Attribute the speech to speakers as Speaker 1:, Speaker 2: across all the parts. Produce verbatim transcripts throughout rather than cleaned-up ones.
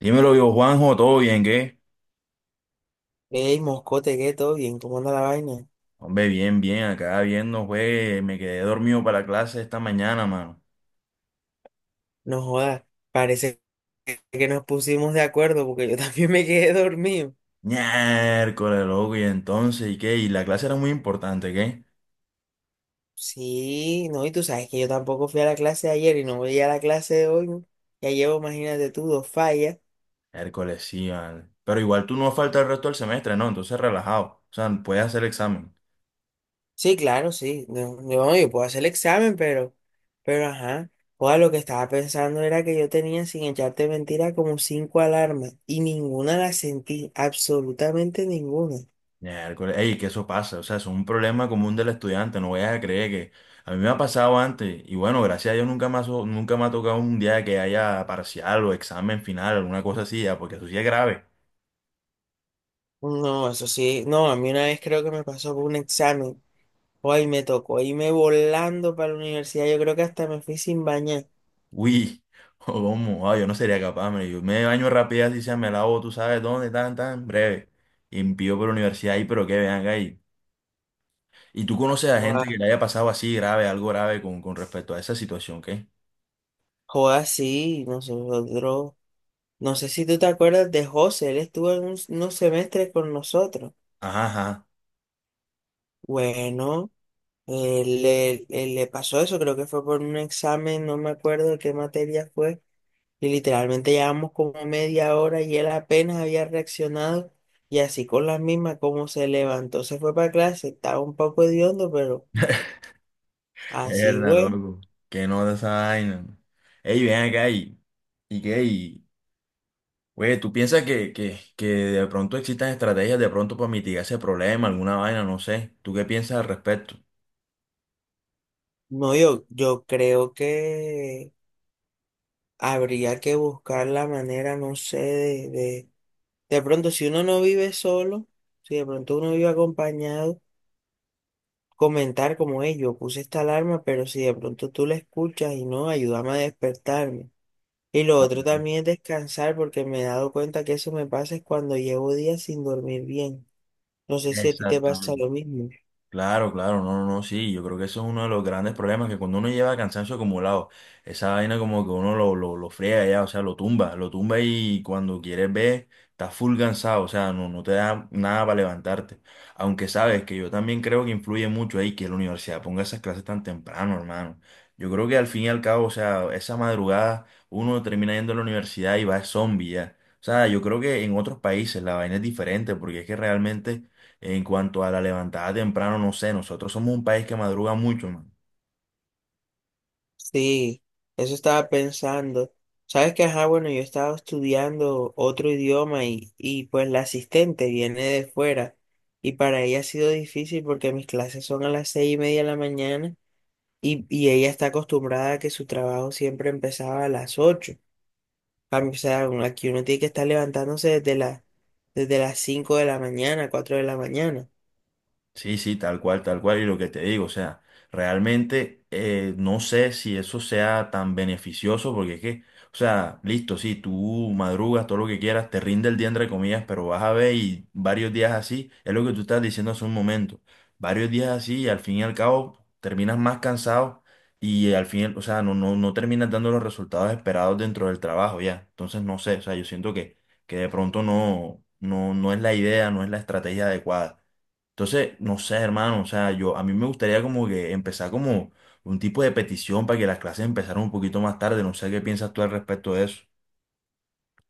Speaker 1: Dímelo yo, Juanjo, ¿todo bien, qué?
Speaker 2: Ey, moscote, ¿qué? ¿Todo bien? ¿Cómo anda la vaina?
Speaker 1: Hombre, bien, bien, acá viendo, güey, me quedé dormido para la clase esta mañana, mano.
Speaker 2: No jodas, parece que nos pusimos de acuerdo porque yo también me quedé dormido.
Speaker 1: Miércoles, loco, y entonces, ¿y qué? Y la clase era muy importante, ¿qué?
Speaker 2: Sí, no, y tú sabes que yo tampoco fui a la clase de ayer y no voy a la clase de hoy, ¿no? Ya llevo, imagínate tú, dos fallas.
Speaker 1: Miércoles, sí, vale. Pero igual tú no falta el resto del semestre, ¿no? Entonces, relajado. O sea, puedes hacer examen.
Speaker 2: Sí, claro, sí. No, no, yo puedo hacer el examen, pero, pero ajá. Joda, lo que estaba pensando era que yo tenía, sin echarte mentira, como cinco alarmas y ninguna la sentí, absolutamente ninguna.
Speaker 1: Miércoles, ey, que eso pasa, o sea, es un problema común del estudiante, no vayas a creer que... A mí me ha pasado antes, y bueno, gracias a Dios nunca me ha, so- nunca me ha tocado un día que haya parcial o examen final, alguna cosa así, ya, porque eso sí es grave.
Speaker 2: No, eso sí. No, a mí una vez creo que me pasó por un examen. Hoy me tocó irme volando para la universidad. Yo creo que hasta me fui sin bañar.
Speaker 1: Uy, ¿cómo? Ah, yo no sería capaz, man. Yo me baño rápido así sea, me lavo, tú sabes dónde, tan, tan, breve. Y envío por la universidad ahí, pero que vean ahí. ¿Y tú conoces a gente que
Speaker 2: Joda,
Speaker 1: le haya pasado así grave, algo grave con, con respecto a esa situación, qué?
Speaker 2: joda, sí, nosotros. No sé si tú te acuerdas de José. Él estuvo en un- unos semestres con nosotros.
Speaker 1: Ajá, ajá.
Speaker 2: Bueno, él, le él le pasó eso. Creo que fue por un examen. No me acuerdo qué materia fue. Y literalmente llevamos como media hora y él apenas había reaccionado y así con las mismas como se levantó, se fue para clase, estaba un poco hediondo, pero así
Speaker 1: Erda,
Speaker 2: fue.
Speaker 1: loco. Que no de esa vaina. Ey, ven acá y, y qué, y, güey, ¿tú piensas que, que, que de pronto existan estrategias de pronto para mitigar ese problema, alguna vaina, no sé? ¿Tú qué piensas al respecto?
Speaker 2: No, yo, yo creo que habría que buscar la manera, no sé, de, de, de pronto si uno no vive solo, si de pronto uno vive acompañado, comentar como ellos, yo puse esta alarma, pero si de pronto tú la escuchas y no, ayúdame a despertarme. Y lo otro también es descansar porque me he dado cuenta que eso me pasa es cuando llevo días sin dormir bien. No sé si a ti te pasa
Speaker 1: Exactamente.
Speaker 2: lo mismo.
Speaker 1: Claro, claro, no, no, no, sí, yo creo que eso es uno de los grandes problemas, que cuando uno lleva cansancio acumulado, esa vaina como que uno lo, lo, lo friega ya, o sea, lo tumba, lo tumba y cuando quieres ver, estás full cansado, o sea, no, no te da nada para levantarte. Aunque sabes que yo también creo que influye mucho ahí que la universidad ponga esas clases tan temprano, hermano. Yo creo que al fin y al cabo, o sea, esa madrugada uno termina yendo a la universidad y va zombie ya. O sea, yo creo que en otros países la vaina es diferente, porque es que realmente en cuanto a la levantada temprano, no sé, nosotros somos un país que madruga mucho, man.
Speaker 2: Sí, eso estaba pensando. Sabes que, ajá, bueno, yo estaba estudiando otro idioma y, y pues la asistente viene de fuera y para ella ha sido difícil porque mis clases son a las seis y media de la mañana y, y ella está acostumbrada a que su trabajo siempre empezaba a las ocho. Cambio, o sea, uno- aquí uno tiene que estar levantándose desde la, desde las cinco de la mañana, cuatro de la mañana.
Speaker 1: Sí, sí, tal cual, tal cual, y lo que te digo, o sea, realmente eh, no sé si eso sea tan beneficioso, porque es que, o sea, listo, sí, tú madrugas todo lo que quieras, te rinde el día entre comillas, pero vas a ver y varios días así, es lo que tú estás diciendo hace un momento, varios días así y al fin y al cabo terminas más cansado y al fin, o sea, no, no, no terminas dando los resultados esperados dentro del trabajo ya, entonces no sé, o sea, yo siento que, que de pronto no, no, no es la idea, no es la estrategia adecuada. Entonces, no sé, hermano, o sea, yo a mí me gustaría como que empezar como un tipo de petición para que las clases empezaran un poquito más tarde, no sé qué piensas tú al respecto de eso.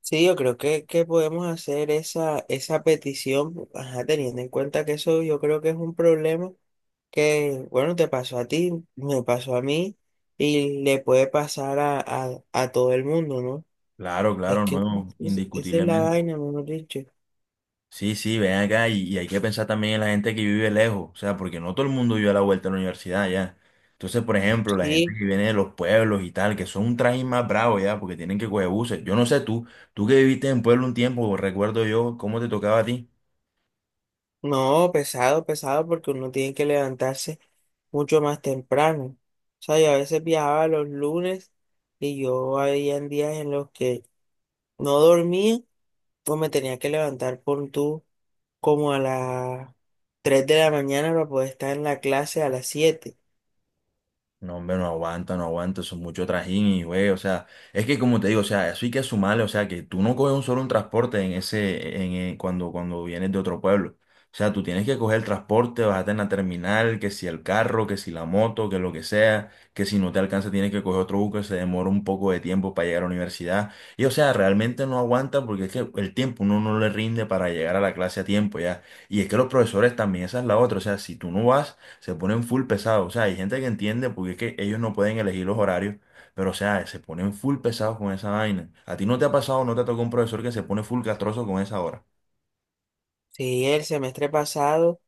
Speaker 2: Sí, yo creo que, que podemos hacer esa, esa petición, ajá, teniendo en cuenta que eso yo creo que es un problema que, bueno, te pasó a ti, me pasó a mí y le puede pasar a, a, a todo el mundo, ¿no?
Speaker 1: Claro,
Speaker 2: Es
Speaker 1: claro,
Speaker 2: que
Speaker 1: no,
Speaker 2: es- esa es la
Speaker 1: indiscutiblemente.
Speaker 2: vaina, mejor dicho.
Speaker 1: Sí, sí, ven acá y, y hay que pensar también en la gente que vive lejos, o sea, porque no todo el mundo vive a la vuelta de la universidad ya. Entonces, por ejemplo, la gente
Speaker 2: Sí,
Speaker 1: que viene de los pueblos y tal, que son un trajín más bravo ya, porque tienen que coger buses. Yo no sé tú, tú que viviste en pueblo un tiempo, recuerdo yo, ¿cómo te tocaba a ti?
Speaker 2: no, pesado, pesado, porque uno tiene que levantarse mucho más temprano. O sea, yo a veces viajaba los lunes y yo había días en los que no dormía o me tenía que levantar por tú como a las tres de la mañana para poder estar en la clase a las siete.
Speaker 1: No, hombre, no aguanta, no aguanta, eso es mucho trajín y güey, o sea, es que como te digo, o sea, eso hay que sumarle, o sea, que tú no coges un solo un transporte en ese, en, eh, cuando, cuando vienes de otro pueblo. O sea, tú tienes que coger el transporte, bajarte en la terminal, que si el carro, que si la moto, que lo que sea, que si no te alcanza tienes que coger otro bus que se demora un poco de tiempo para llegar a la universidad. Y o sea, realmente no aguanta porque es que el tiempo uno no le rinde para llegar a la clase a tiempo ya. Y es que los profesores también, esa es la otra, o sea, si tú no vas se ponen full pesados. O sea, hay gente que entiende porque es que ellos no pueden elegir los horarios, pero o sea, se ponen full pesados con esa vaina. ¿A ti no te ha pasado, no te ha tocado un profesor que se pone full castroso con esa hora?
Speaker 2: Sí, el semestre pasado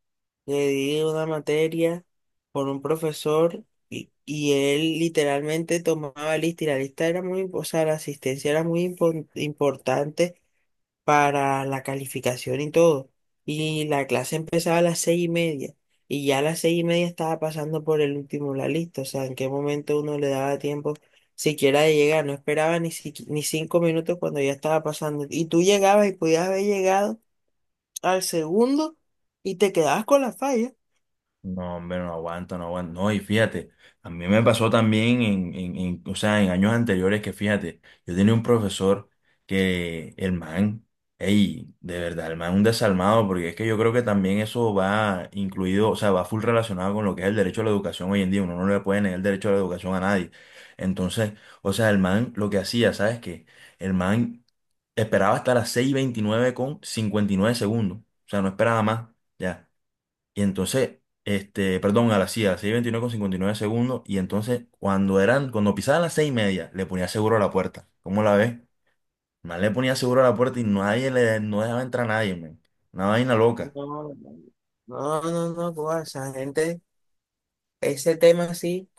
Speaker 2: le di una materia con un profesor y, y él literalmente tomaba lista y la lista era muy, o sea, la asistencia era muy impor- importante para la calificación y todo. Y la clase empezaba a las seis y media. Y ya a las seis y media estaba pasando por el último de la lista. O sea, en qué momento uno le daba tiempo siquiera de llegar. No esperaba ni, siqui- ni cinco minutos cuando ya estaba pasando. Y tú llegabas y podías haber llegado al segundo y te quedabas con la falla.
Speaker 1: No, hombre, no aguanto, no aguanto. No, y fíjate, a mí me pasó también en, en, en, o sea, en años anteriores que fíjate, yo tenía un profesor que el man, ey, de verdad, el man un desalmado, porque es que yo creo que también eso va incluido, o sea, va full relacionado con lo que es el derecho a la educación hoy en día, uno no le puede negar el derecho a la educación a nadie. Entonces, o sea, el man lo que hacía, ¿sabes qué? El man esperaba hasta las seis y veintinueve con cincuenta y nueve segundos, o sea, no esperaba más. Ya y entonces, este, perdón, a las, sí, a las seis y veintinueve con cincuenta y nueve segundos. Y entonces, cuando eran, cuando pisaban las seis y media, le ponía seguro a la puerta. ¿Cómo la ves? Más le ponía seguro a la puerta y nadie le, no dejaba entrar a nadie, man. Una vaina
Speaker 2: No,
Speaker 1: loca.
Speaker 2: no, no, no, no, no, no, esa gente, ese tema sí.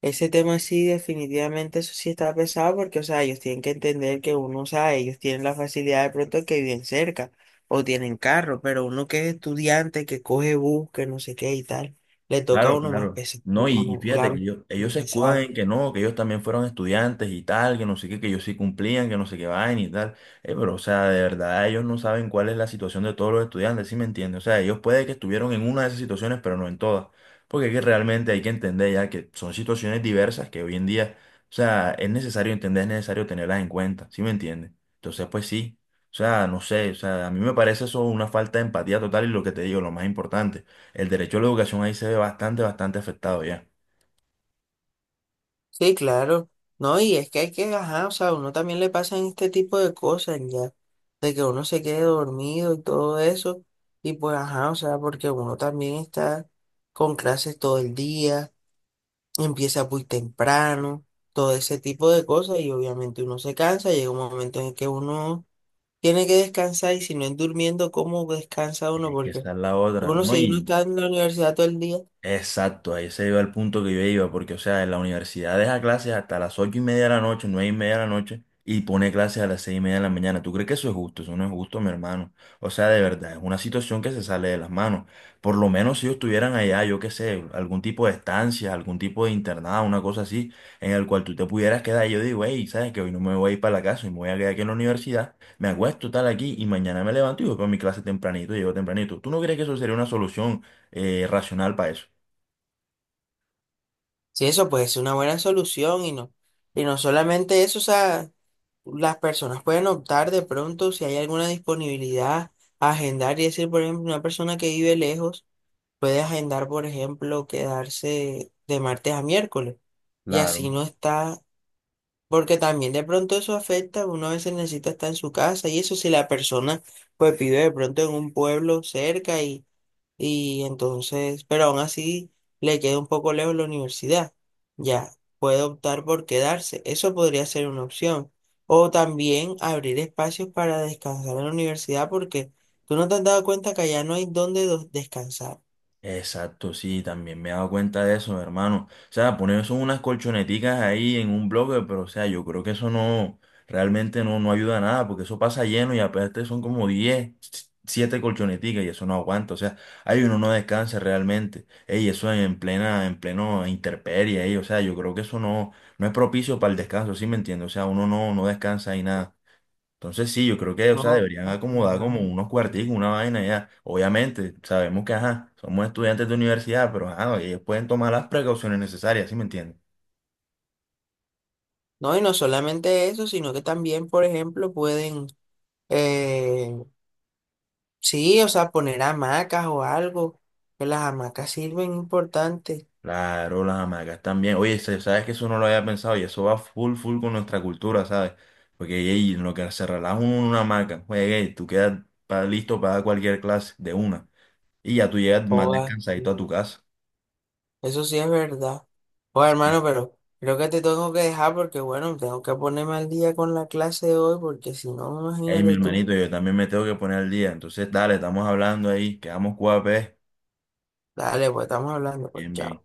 Speaker 2: Ese tema sí, definitivamente, eso sí está pesado porque, o sea, ellos tienen que entender que uno, o sea, ellos tienen la facilidad de pronto que viven cerca o tienen carro, pero uno que es estudiante, que coge bus, que no sé qué y tal, le toca a
Speaker 1: Claro,
Speaker 2: uno más
Speaker 1: claro.
Speaker 2: pesado,
Speaker 1: No, y,
Speaker 2: la
Speaker 1: y fíjate que ellos, ellos se escudan
Speaker 2: movilizada.
Speaker 1: en que no, que ellos también fueron estudiantes y tal, que no sé qué, que ellos sí cumplían, que no sé qué vaina y tal. Eh, pero, o sea, de verdad, ellos no saben cuál es la situación de todos los estudiantes, ¿sí me entiendes? O sea, ellos puede que estuvieron en una de esas situaciones, pero no en todas. Porque es que realmente hay que entender ya que son situaciones diversas que hoy en día, o sea, es necesario entender, es necesario tenerlas en cuenta, ¿sí me entiendes? Entonces, pues sí. O sea, no sé, o sea, a mí me parece eso una falta de empatía total y lo que te digo, lo más importante. El derecho a la educación ahí se ve bastante, bastante afectado ya.
Speaker 2: Sí, claro, no, y es que hay que, ajá, o sea, a uno también le pasan este tipo de cosas ya, de que uno se quede dormido y todo eso, y pues, ajá, o sea, porque uno también está con clases todo el día, empieza muy temprano, todo ese tipo de cosas y obviamente uno se cansa, llega un momento en el que uno tiene que descansar y si no es durmiendo, ¿cómo descansa uno?
Speaker 1: Eh, que
Speaker 2: Porque
Speaker 1: esa es la otra,
Speaker 2: algunos,
Speaker 1: ¿no?
Speaker 2: si uno
Speaker 1: Y
Speaker 2: está en la universidad todo el día,
Speaker 1: exacto, ahí se iba el punto que yo iba, porque, o sea, en la universidad deja clases hasta las ocho y media de la noche, nueve y media de la noche, y pone clases a las seis y media de la mañana. ¿Tú crees que eso es justo? Eso no es justo, mi hermano. O sea, de verdad, es una situación que se sale de las manos. Por lo menos si ellos estuvieran allá, yo qué sé, algún tipo de estancia, algún tipo de internado, una cosa así, en el cual tú te pudieras quedar. Y yo digo, hey, ¿sabes que hoy no me voy a ir para la casa y me voy a quedar aquí en la universidad, me acuesto tal aquí y mañana me levanto y voy para mi clase tempranito, llego tempranito? ¿Tú no crees que eso sería una solución eh, racional para eso?
Speaker 2: si eso puede ser una buena solución. Y no, y no, solamente eso, o sea, las personas pueden optar de pronto si hay alguna disponibilidad a agendar y decir, por ejemplo, una persona que vive lejos puede agendar, por ejemplo, quedarse de martes a miércoles y así
Speaker 1: Claro,
Speaker 2: no está. Porque también de pronto eso afecta, uno a veces necesita estar en su casa y eso si la persona pues vive de pronto en un pueblo cerca y, y entonces, pero aún así le queda un poco lejos la universidad, ya puede optar por quedarse, eso podría ser una opción. O también abrir espacios para descansar en la universidad porque tú no te has dado cuenta que allá no hay dónde do- descansar.
Speaker 1: exacto, sí, también me he dado cuenta de eso, hermano. O sea, poner eso unas colchoneticas ahí en un bloque, pero o sea, yo creo que eso no, realmente no, no ayuda a nada, porque eso pasa lleno y aparte son como diez siete colchoneticas y eso no aguanta. O sea, ahí uno no descansa realmente. Ey, eso en plena, en pleno intemperie, ey, o sea, yo creo que eso no, no es propicio para el descanso, ¿sí me entiendes? O sea, uno no, no descansa y nada. Entonces sí, yo creo que, o
Speaker 2: No,
Speaker 1: sea,
Speaker 2: no.
Speaker 1: deberían acomodar como unos cuarticos, una vaina ya. Obviamente, sabemos que, ajá, somos estudiantes de universidad, pero ajá, ellos pueden tomar las precauciones necesarias, ¿sí me entiendes?
Speaker 2: No, y no solamente eso, sino que también, por ejemplo, pueden... eh, sí, o sea, poner hamacas o algo, que las hamacas sirven importante.
Speaker 1: Claro, las hamacas también. Oye, se- sabes que eso no lo había pensado y eso va full, full con nuestra cultura, ¿sabes? Porque ey, en lo que se relaja uno en una hamaca, juegue, ey, tú quedas pa- listo para cualquier clase de una. Y ya tú llegas más
Speaker 2: Joda,
Speaker 1: descansadito
Speaker 2: sí,
Speaker 1: a tu casa.
Speaker 2: eso sí es verdad. Joder,
Speaker 1: Sí.
Speaker 2: hermano, pero creo que te tengo que dejar porque, bueno, tengo que ponerme al día con la clase de hoy porque si no,
Speaker 1: Ey, mi
Speaker 2: imagínate tú.
Speaker 1: hermanito, yo también me tengo que poner al día. Entonces, dale, estamos hablando ahí, quedamos cuapes.
Speaker 2: Dale, pues estamos hablando, pues
Speaker 1: Bien, bien.
Speaker 2: chao.